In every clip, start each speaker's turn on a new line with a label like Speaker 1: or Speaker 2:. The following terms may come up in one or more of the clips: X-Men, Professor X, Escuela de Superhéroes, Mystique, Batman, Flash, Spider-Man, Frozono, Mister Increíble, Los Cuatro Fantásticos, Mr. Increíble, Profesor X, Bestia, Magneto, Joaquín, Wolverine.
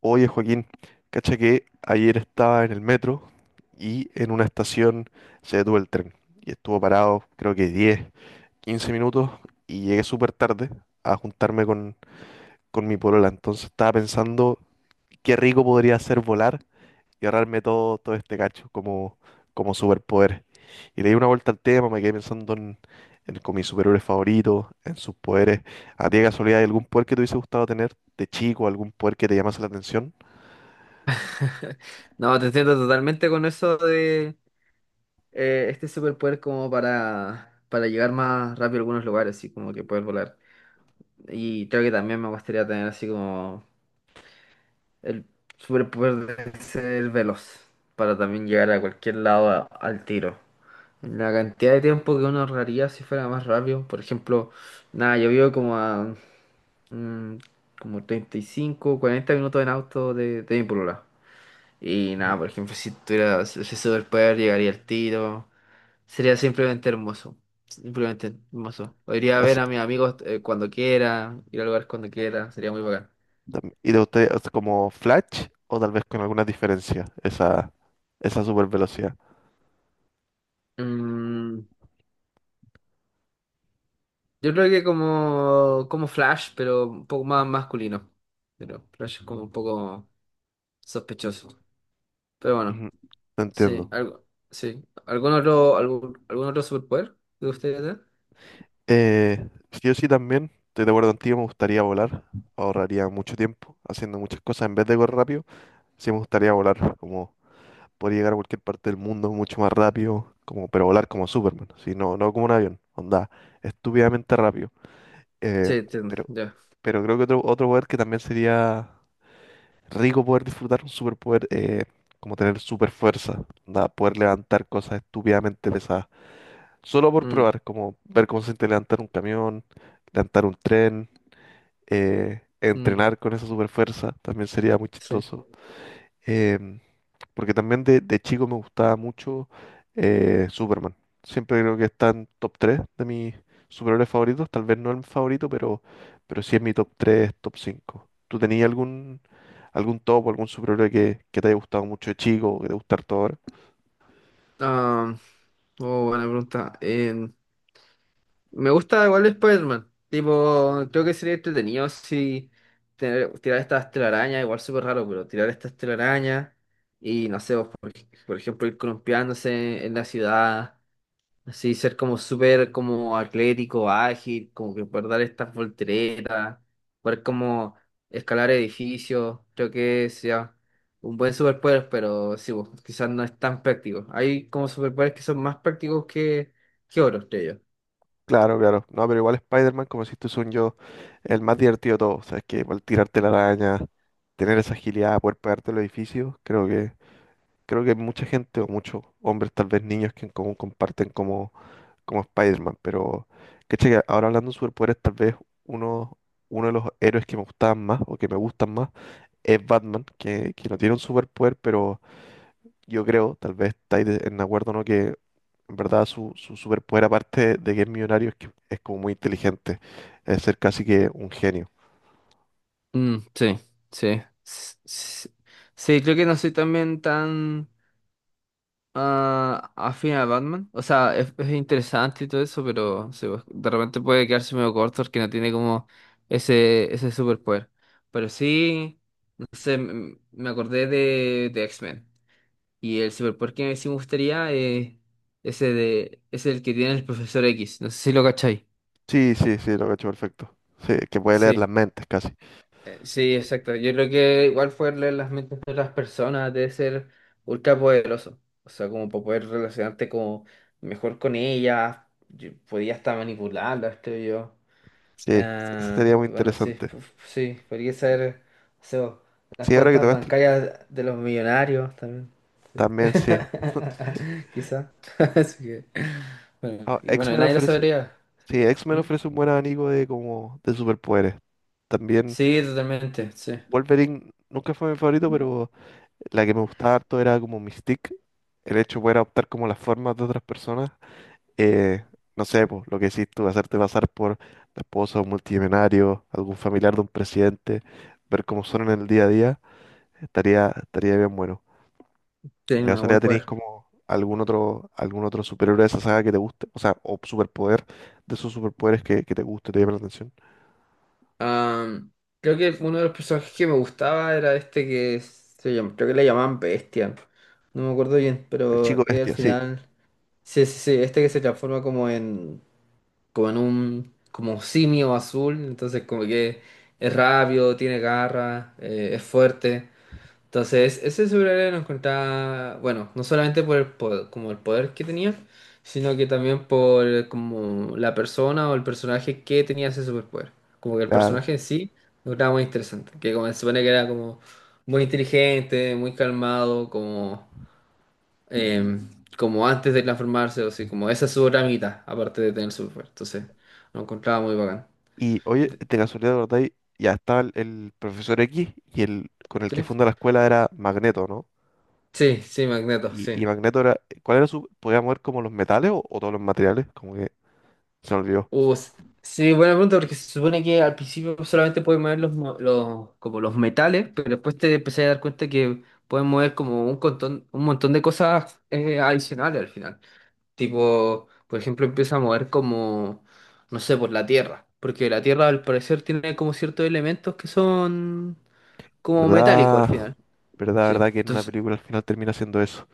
Speaker 1: Oye, Joaquín, cacha que ayer estaba en el metro y en una estación se detuvo el tren y estuvo parado creo que 10, 15 minutos y llegué súper tarde a juntarme con mi polola. Entonces estaba pensando qué rico podría ser volar y ahorrarme todo este cacho como superpoder. Y le di una vuelta al tema, me quedé pensando en con mis superhéroes favoritos, en sus poderes. ¿A ti de casualidad hay algún poder que te hubiese gustado tener de chico, algún poder que te llamase la atención?
Speaker 2: No, te entiendo totalmente con eso de este superpoder como para llegar más rápido a algunos lugares, así como que poder volar. Y creo que también me gustaría tener así como el superpoder de ser veloz, para también llegar a cualquier lado al tiro. La cantidad de tiempo que uno ahorraría si fuera más rápido, por ejemplo, nada, yo vivo como a mm, como 35 40 minutos en auto de mi polola. Y nada, por ejemplo, si tuviera ese superpoder llegaría al tiro. Sería simplemente hermoso. Simplemente hermoso. O iría a ver
Speaker 1: Así
Speaker 2: a mis amigos cuando quiera, ir a lugares cuando quiera, sería muy bacán.
Speaker 1: y de ustedes, o como Flash, o tal vez con alguna diferencia esa super velocidad.
Speaker 2: Mm, yo creo que como Flash, pero un poco más masculino. Pero Flash es como un poco sospechoso. Pero bueno,
Speaker 1: Ujú, te
Speaker 2: sí,
Speaker 1: entiendo.
Speaker 2: algo, sí. ¿Algún otro, algún otro superpoder de ustedes tener?
Speaker 1: Sí, o sí también, estoy de acuerdo contigo, me gustaría volar. Ahorraría mucho tiempo haciendo muchas cosas en vez de correr rápido. Sí me gustaría volar, como podría llegar a cualquier parte del mundo mucho más rápido, como, pero volar como Superman, ¿sí? No, no como un avión, onda, estúpidamente rápido.
Speaker 2: Sí,
Speaker 1: Eh,
Speaker 2: entiendo,
Speaker 1: pero,
Speaker 2: ya.
Speaker 1: pero creo que otro poder que también sería rico poder disfrutar un superpoder, como tener super fuerza, onda, poder levantar cosas estúpidamente pesadas. Solo por
Speaker 2: Mm,
Speaker 1: probar, como ver cómo se siente levantar un camión, levantar un tren,
Speaker 2: mm,
Speaker 1: entrenar con esa super fuerza, también sería muy
Speaker 2: sí.
Speaker 1: chistoso. Em, Porque también de chico me gustaba mucho Superman. Siempre creo que está en top 3 de mis superhéroes favoritos. Tal vez no el favorito, pero sí es mi top 3, top 5. ¿Tú tenías algún top o algún superhéroe que te haya gustado mucho de chico o que te gusta harto ahora?
Speaker 2: Ah, oh, buena pregunta. Me gusta igual Spider-Man. Tipo, creo que sería entretenido si tirar estas telarañas, igual súper raro, pero tirar estas telarañas y no sé, vos, por ejemplo, ir columpiándose en la ciudad, así ser como súper como atlético, ágil, como que poder dar estas volteretas, poder como escalar edificios, creo que sea un buen superpoder, pero sí, pues, quizás no es tan práctico. Hay como superpoderes que son más prácticos que otros, creo yo.
Speaker 1: Claro, claro. No, pero igual Spider-Man, como decís tú, son yo el más divertido de todos. O sea, es que igual tirarte la araña, tener esa agilidad, poder pegarte los edificios, creo que mucha gente o muchos hombres, tal vez niños, que en común comparten como Spider-Man. Pero caché que ahora, hablando de superpoderes, tal vez uno, uno de los héroes que me gustaban más o que me gustan más es Batman, que no tiene un superpoder, pero yo creo, tal vez estáis en acuerdo, ¿no? Que en verdad su superpoder, aparte de que es millonario, es que es como muy inteligente, es ser casi que un genio.
Speaker 2: Mm, sí, sí, sí. Creo que no soy también tan afín a Batman. O sea, es interesante y todo eso, pero sí, pues, de repente puede quedarse medio corto porque no tiene como ese superpoder. Pero sí, no sé, me acordé de X-Men. Y el superpoder que sí me gustaría es es el que tiene el profesor X. No sé si lo cacháis.
Speaker 1: Sí, sí, sí, lo cacho perfecto. Sí, que puede leer las
Speaker 2: Sí.
Speaker 1: mentes casi.
Speaker 2: Sí, exacto. Yo creo que igual fue leer las mentes de las personas debe ser ultra poderoso. O sea, como para poder relacionarte como mejor con ellas. Yo podía hasta manipularlas, creo yo.
Speaker 1: Sí,
Speaker 2: Ah,
Speaker 1: sería muy
Speaker 2: bueno, sí,
Speaker 1: interesante.
Speaker 2: sí, podría ser, o sea, las
Speaker 1: Sí, ahora que
Speaker 2: cuentas
Speaker 1: tocaste
Speaker 2: bancarias de los millonarios también. Sí.
Speaker 1: también, sí.
Speaker 2: Quizá. Así que, bueno,
Speaker 1: Ah,
Speaker 2: y bueno,
Speaker 1: X-Men
Speaker 2: nadie lo
Speaker 1: ofrece
Speaker 2: sabría. Así
Speaker 1: Sí,
Speaker 2: que,
Speaker 1: X-Men
Speaker 2: ¿mm?
Speaker 1: ofrece un buen abanico de como de superpoderes. También
Speaker 2: Sí, totalmente, sí.
Speaker 1: Wolverine nunca fue mi favorito, pero la que me gustaba harto era como Mystique. El hecho de poder adoptar como las formas de otras personas. Eh, no sé, pues, lo que decís tú, hacerte pasar por la esposa de un multimillonario, algún familiar de un presidente, ver cómo son en el día a día, estaría bien bueno.
Speaker 2: Sí,
Speaker 1: ¿De
Speaker 2: un
Speaker 1: casualidad
Speaker 2: buen
Speaker 1: tenéis
Speaker 2: poder.
Speaker 1: como algún otro superhéroe de esa saga que te guste? O sea, o superpoder de esos superpoderes que te guste, te llame la atención.
Speaker 2: Am, Creo que uno de los personajes que me gustaba era este creo que le llamaban Bestia. No me acuerdo bien,
Speaker 1: El
Speaker 2: pero
Speaker 1: chico
Speaker 2: al
Speaker 1: bestia, sí,
Speaker 2: final. Sí, sí, sí, este que se transforma como simio azul, entonces como que es rápido, tiene garra, es fuerte. Entonces, ese superhéroe lo encontraba, bueno, no solamente por el poder, como el poder que tenía, sino que también por como la persona o el personaje que tenía ese superpoder. Como que el
Speaker 1: claro.
Speaker 2: personaje en sí lo encontraba muy interesante, que como se supone que era como muy inteligente, muy calmado, como, eh, como antes de transformarse, o así, como esa es su otra mitad, aparte de tener superpoder. Entonces, lo encontraba muy bacán.
Speaker 1: Y oye, de casualidad, ¿verdad? Y ya estaba el profesor X, y el con el
Speaker 2: ¿Sí?
Speaker 1: que funda la escuela era Magneto, ¿no?
Speaker 2: Sí, sí, Magneto,
Speaker 1: Y,
Speaker 2: sí.
Speaker 1: y Magneto era, ¿cuál era su, podía mover como los metales o todos los materiales? Como que se me olvidó.
Speaker 2: Uh, s- sí, buena pregunta, porque se supone que al principio solamente puedes mover los, como los metales, pero después te empecé a dar cuenta que puedes mover como un montón de cosas adicionales al final. Tipo, por ejemplo, empieza a mover como, no sé, por la tierra, porque la tierra al parecer tiene como ciertos elementos que son como metálicos al
Speaker 1: ¿Verdad?
Speaker 2: final.
Speaker 1: ¿Verdad,
Speaker 2: Sí,
Speaker 1: verdad que en una
Speaker 2: entonces,
Speaker 1: película al final termina siendo eso?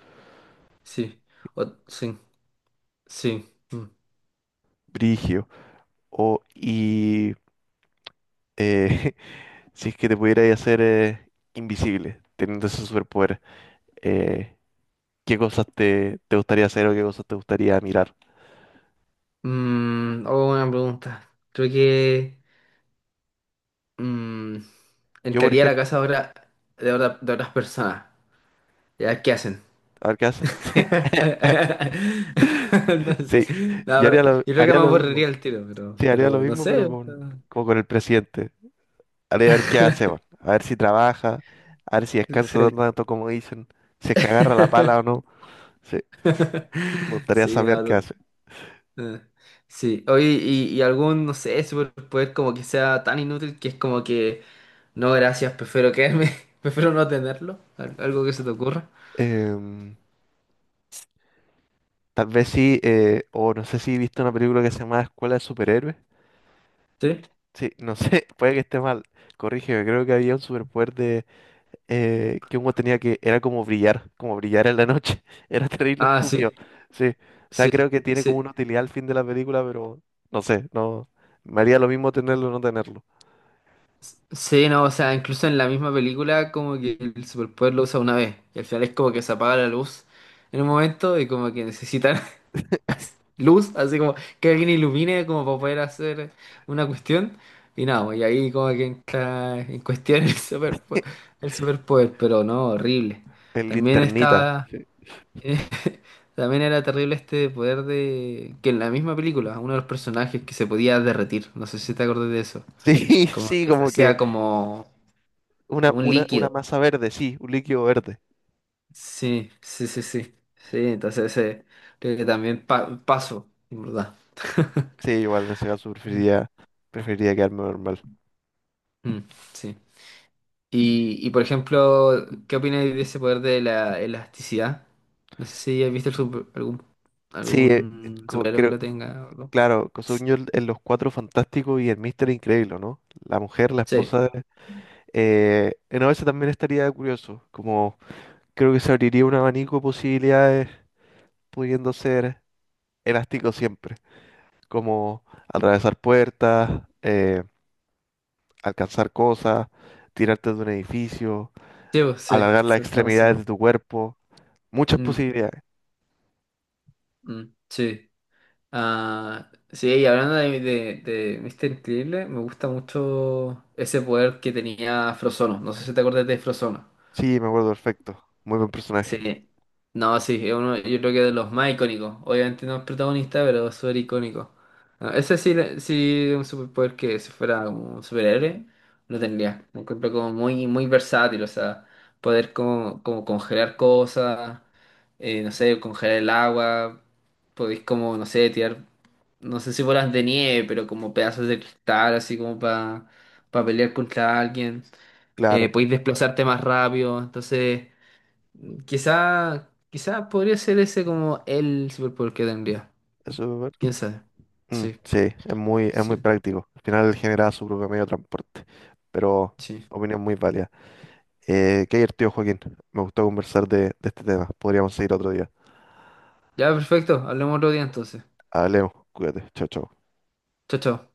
Speaker 2: sí, sí, sí. Mm.
Speaker 1: Brigio. O, y eh, si es que te pudierais hacer invisible, teniendo ese superpoder, eh, ¿qué cosas te gustaría hacer o qué cosas te gustaría mirar?
Speaker 2: Oh, buena pregunta. Creo que mm,
Speaker 1: Yo, por
Speaker 2: entraría a la
Speaker 1: ejemplo,
Speaker 2: casa de otras personas. Ya, ¿qué hacen?
Speaker 1: a ver qué hacen. Sí,
Speaker 2: No sé.
Speaker 1: sí.
Speaker 2: No,
Speaker 1: Yo
Speaker 2: pero yo creo que
Speaker 1: haría
Speaker 2: me
Speaker 1: lo mismo.
Speaker 2: aburriría el tiro, pero,
Speaker 1: Sí, haría lo
Speaker 2: pero no
Speaker 1: mismo,
Speaker 2: sé.
Speaker 1: pero
Speaker 2: O sea,
Speaker 1: con, como con el presidente. Haría ver qué hace, weón. A ver si trabaja, a ver si descansa
Speaker 2: sí.
Speaker 1: tanto como dicen, si es que agarra la pala o no. Sí, me gustaría
Speaker 2: Sí,
Speaker 1: saber qué
Speaker 2: no.
Speaker 1: hace.
Speaker 2: No, sí. Oye, y algún, no sé, superpoder como que sea tan inútil que es como que, no, gracias, prefiero quedarme, prefiero no tenerlo. Algo que se te ocurra.
Speaker 1: Em, Tal vez sí, o no sé si viste una película que se llama Escuela de Superhéroes.
Speaker 2: ¿Sí?
Speaker 1: Sí, no sé, puede que esté mal. Corrígeme, creo que había un superpoder de que uno tenía que, era como brillar en la noche. Era terrible,
Speaker 2: Ah,
Speaker 1: estúpido.
Speaker 2: sí.
Speaker 1: Sí. O sea,
Speaker 2: Sí.
Speaker 1: creo que tiene como
Speaker 2: Sí.
Speaker 1: una utilidad al fin de la película, pero no sé, no. Me haría lo mismo tenerlo o no tenerlo.
Speaker 2: Sí, no, o sea, incluso en la misma película como que el superpoder lo usa una vez y al final es como que se apaga la luz en un momento y como que necesitan luz, así como que alguien ilumine como para poder hacer una cuestión y nada, pues, y ahí como que entra en cuestión el superpoder, el superpoder, pero no, horrible.
Speaker 1: El
Speaker 2: También
Speaker 1: linternita.
Speaker 2: estaba, también era terrible este poder de que en la misma película uno de los personajes que se podía derretir, no sé si te acuerdas de eso,
Speaker 1: Sí,
Speaker 2: como
Speaker 1: sí,
Speaker 2: que se
Speaker 1: como que
Speaker 2: hacía como
Speaker 1: una,
Speaker 2: como un
Speaker 1: una, una
Speaker 2: líquido.
Speaker 1: masa verde, sí, un líquido verde.
Speaker 2: Sí, sí, sí, sí. Sí, entonces creo que también paso, en verdad.
Speaker 1: Sí, igual en ese caso
Speaker 2: Mm.
Speaker 1: preferiría quedarme normal.
Speaker 2: Mm, sí. Por ejemplo, ¿qué opinas de ese poder de la elasticidad? No sé si has visto algún,
Speaker 1: Sí,
Speaker 2: algún superhéroe que
Speaker 1: creo,
Speaker 2: lo tenga, o algo.
Speaker 1: claro, Cosuño en Los Cuatro Fantásticos y el Mister Increíble, ¿no? La mujer, la
Speaker 2: Sí,
Speaker 1: esposa. No, eso también estaría curioso, como creo que se abriría un abanico de posibilidades pudiendo ser elástico siempre, como atravesar puertas, alcanzar cosas, tirarte de un edificio,
Speaker 2: sí, pues, sí,
Speaker 1: alargar las
Speaker 2: se está
Speaker 1: extremidades de
Speaker 2: pensando.
Speaker 1: tu cuerpo, muchas
Speaker 2: Mm,
Speaker 1: posibilidades.
Speaker 2: mm, sí. Ah, sí, y hablando de Mr. Increíble, me gusta mucho ese poder que tenía Frozono. No sé si te acuerdas de Frozono.
Speaker 1: Sí, me acuerdo perfecto, muy buen personaje,
Speaker 2: Sí. No, sí, es uno, yo creo que de los más icónicos. Obviamente no es protagonista, pero es súper icónico. No, ese sí, sí, un superpoder que si fuera como un superhéroe, lo tendría. Lo encuentro como muy, muy versátil, o sea, poder como congelar cosas, no sé, congelar el agua, podéis como, no sé, tirar, no sé si bolas de nieve, pero como pedazos de cristal, así como para pelear contra alguien.
Speaker 1: claro,
Speaker 2: Podéis desplazarte más rápido, entonces. Quizá podría ser ese como el superpoder que tendría.
Speaker 1: eso
Speaker 2: ¿Quién sabe? Sí,
Speaker 1: sí, es muy
Speaker 2: sí,
Speaker 1: práctico, al final genera su propio medio de transporte, pero
Speaker 2: sí.
Speaker 1: opinión muy válida. Qué divertido, Joaquín. Me gustó conversar de este tema. Podríamos seguir otro día.
Speaker 2: Ya, perfecto. Hablemos otro día entonces.
Speaker 1: Hablemos. Cuídate. Chao, chao.
Speaker 2: Chao, chao.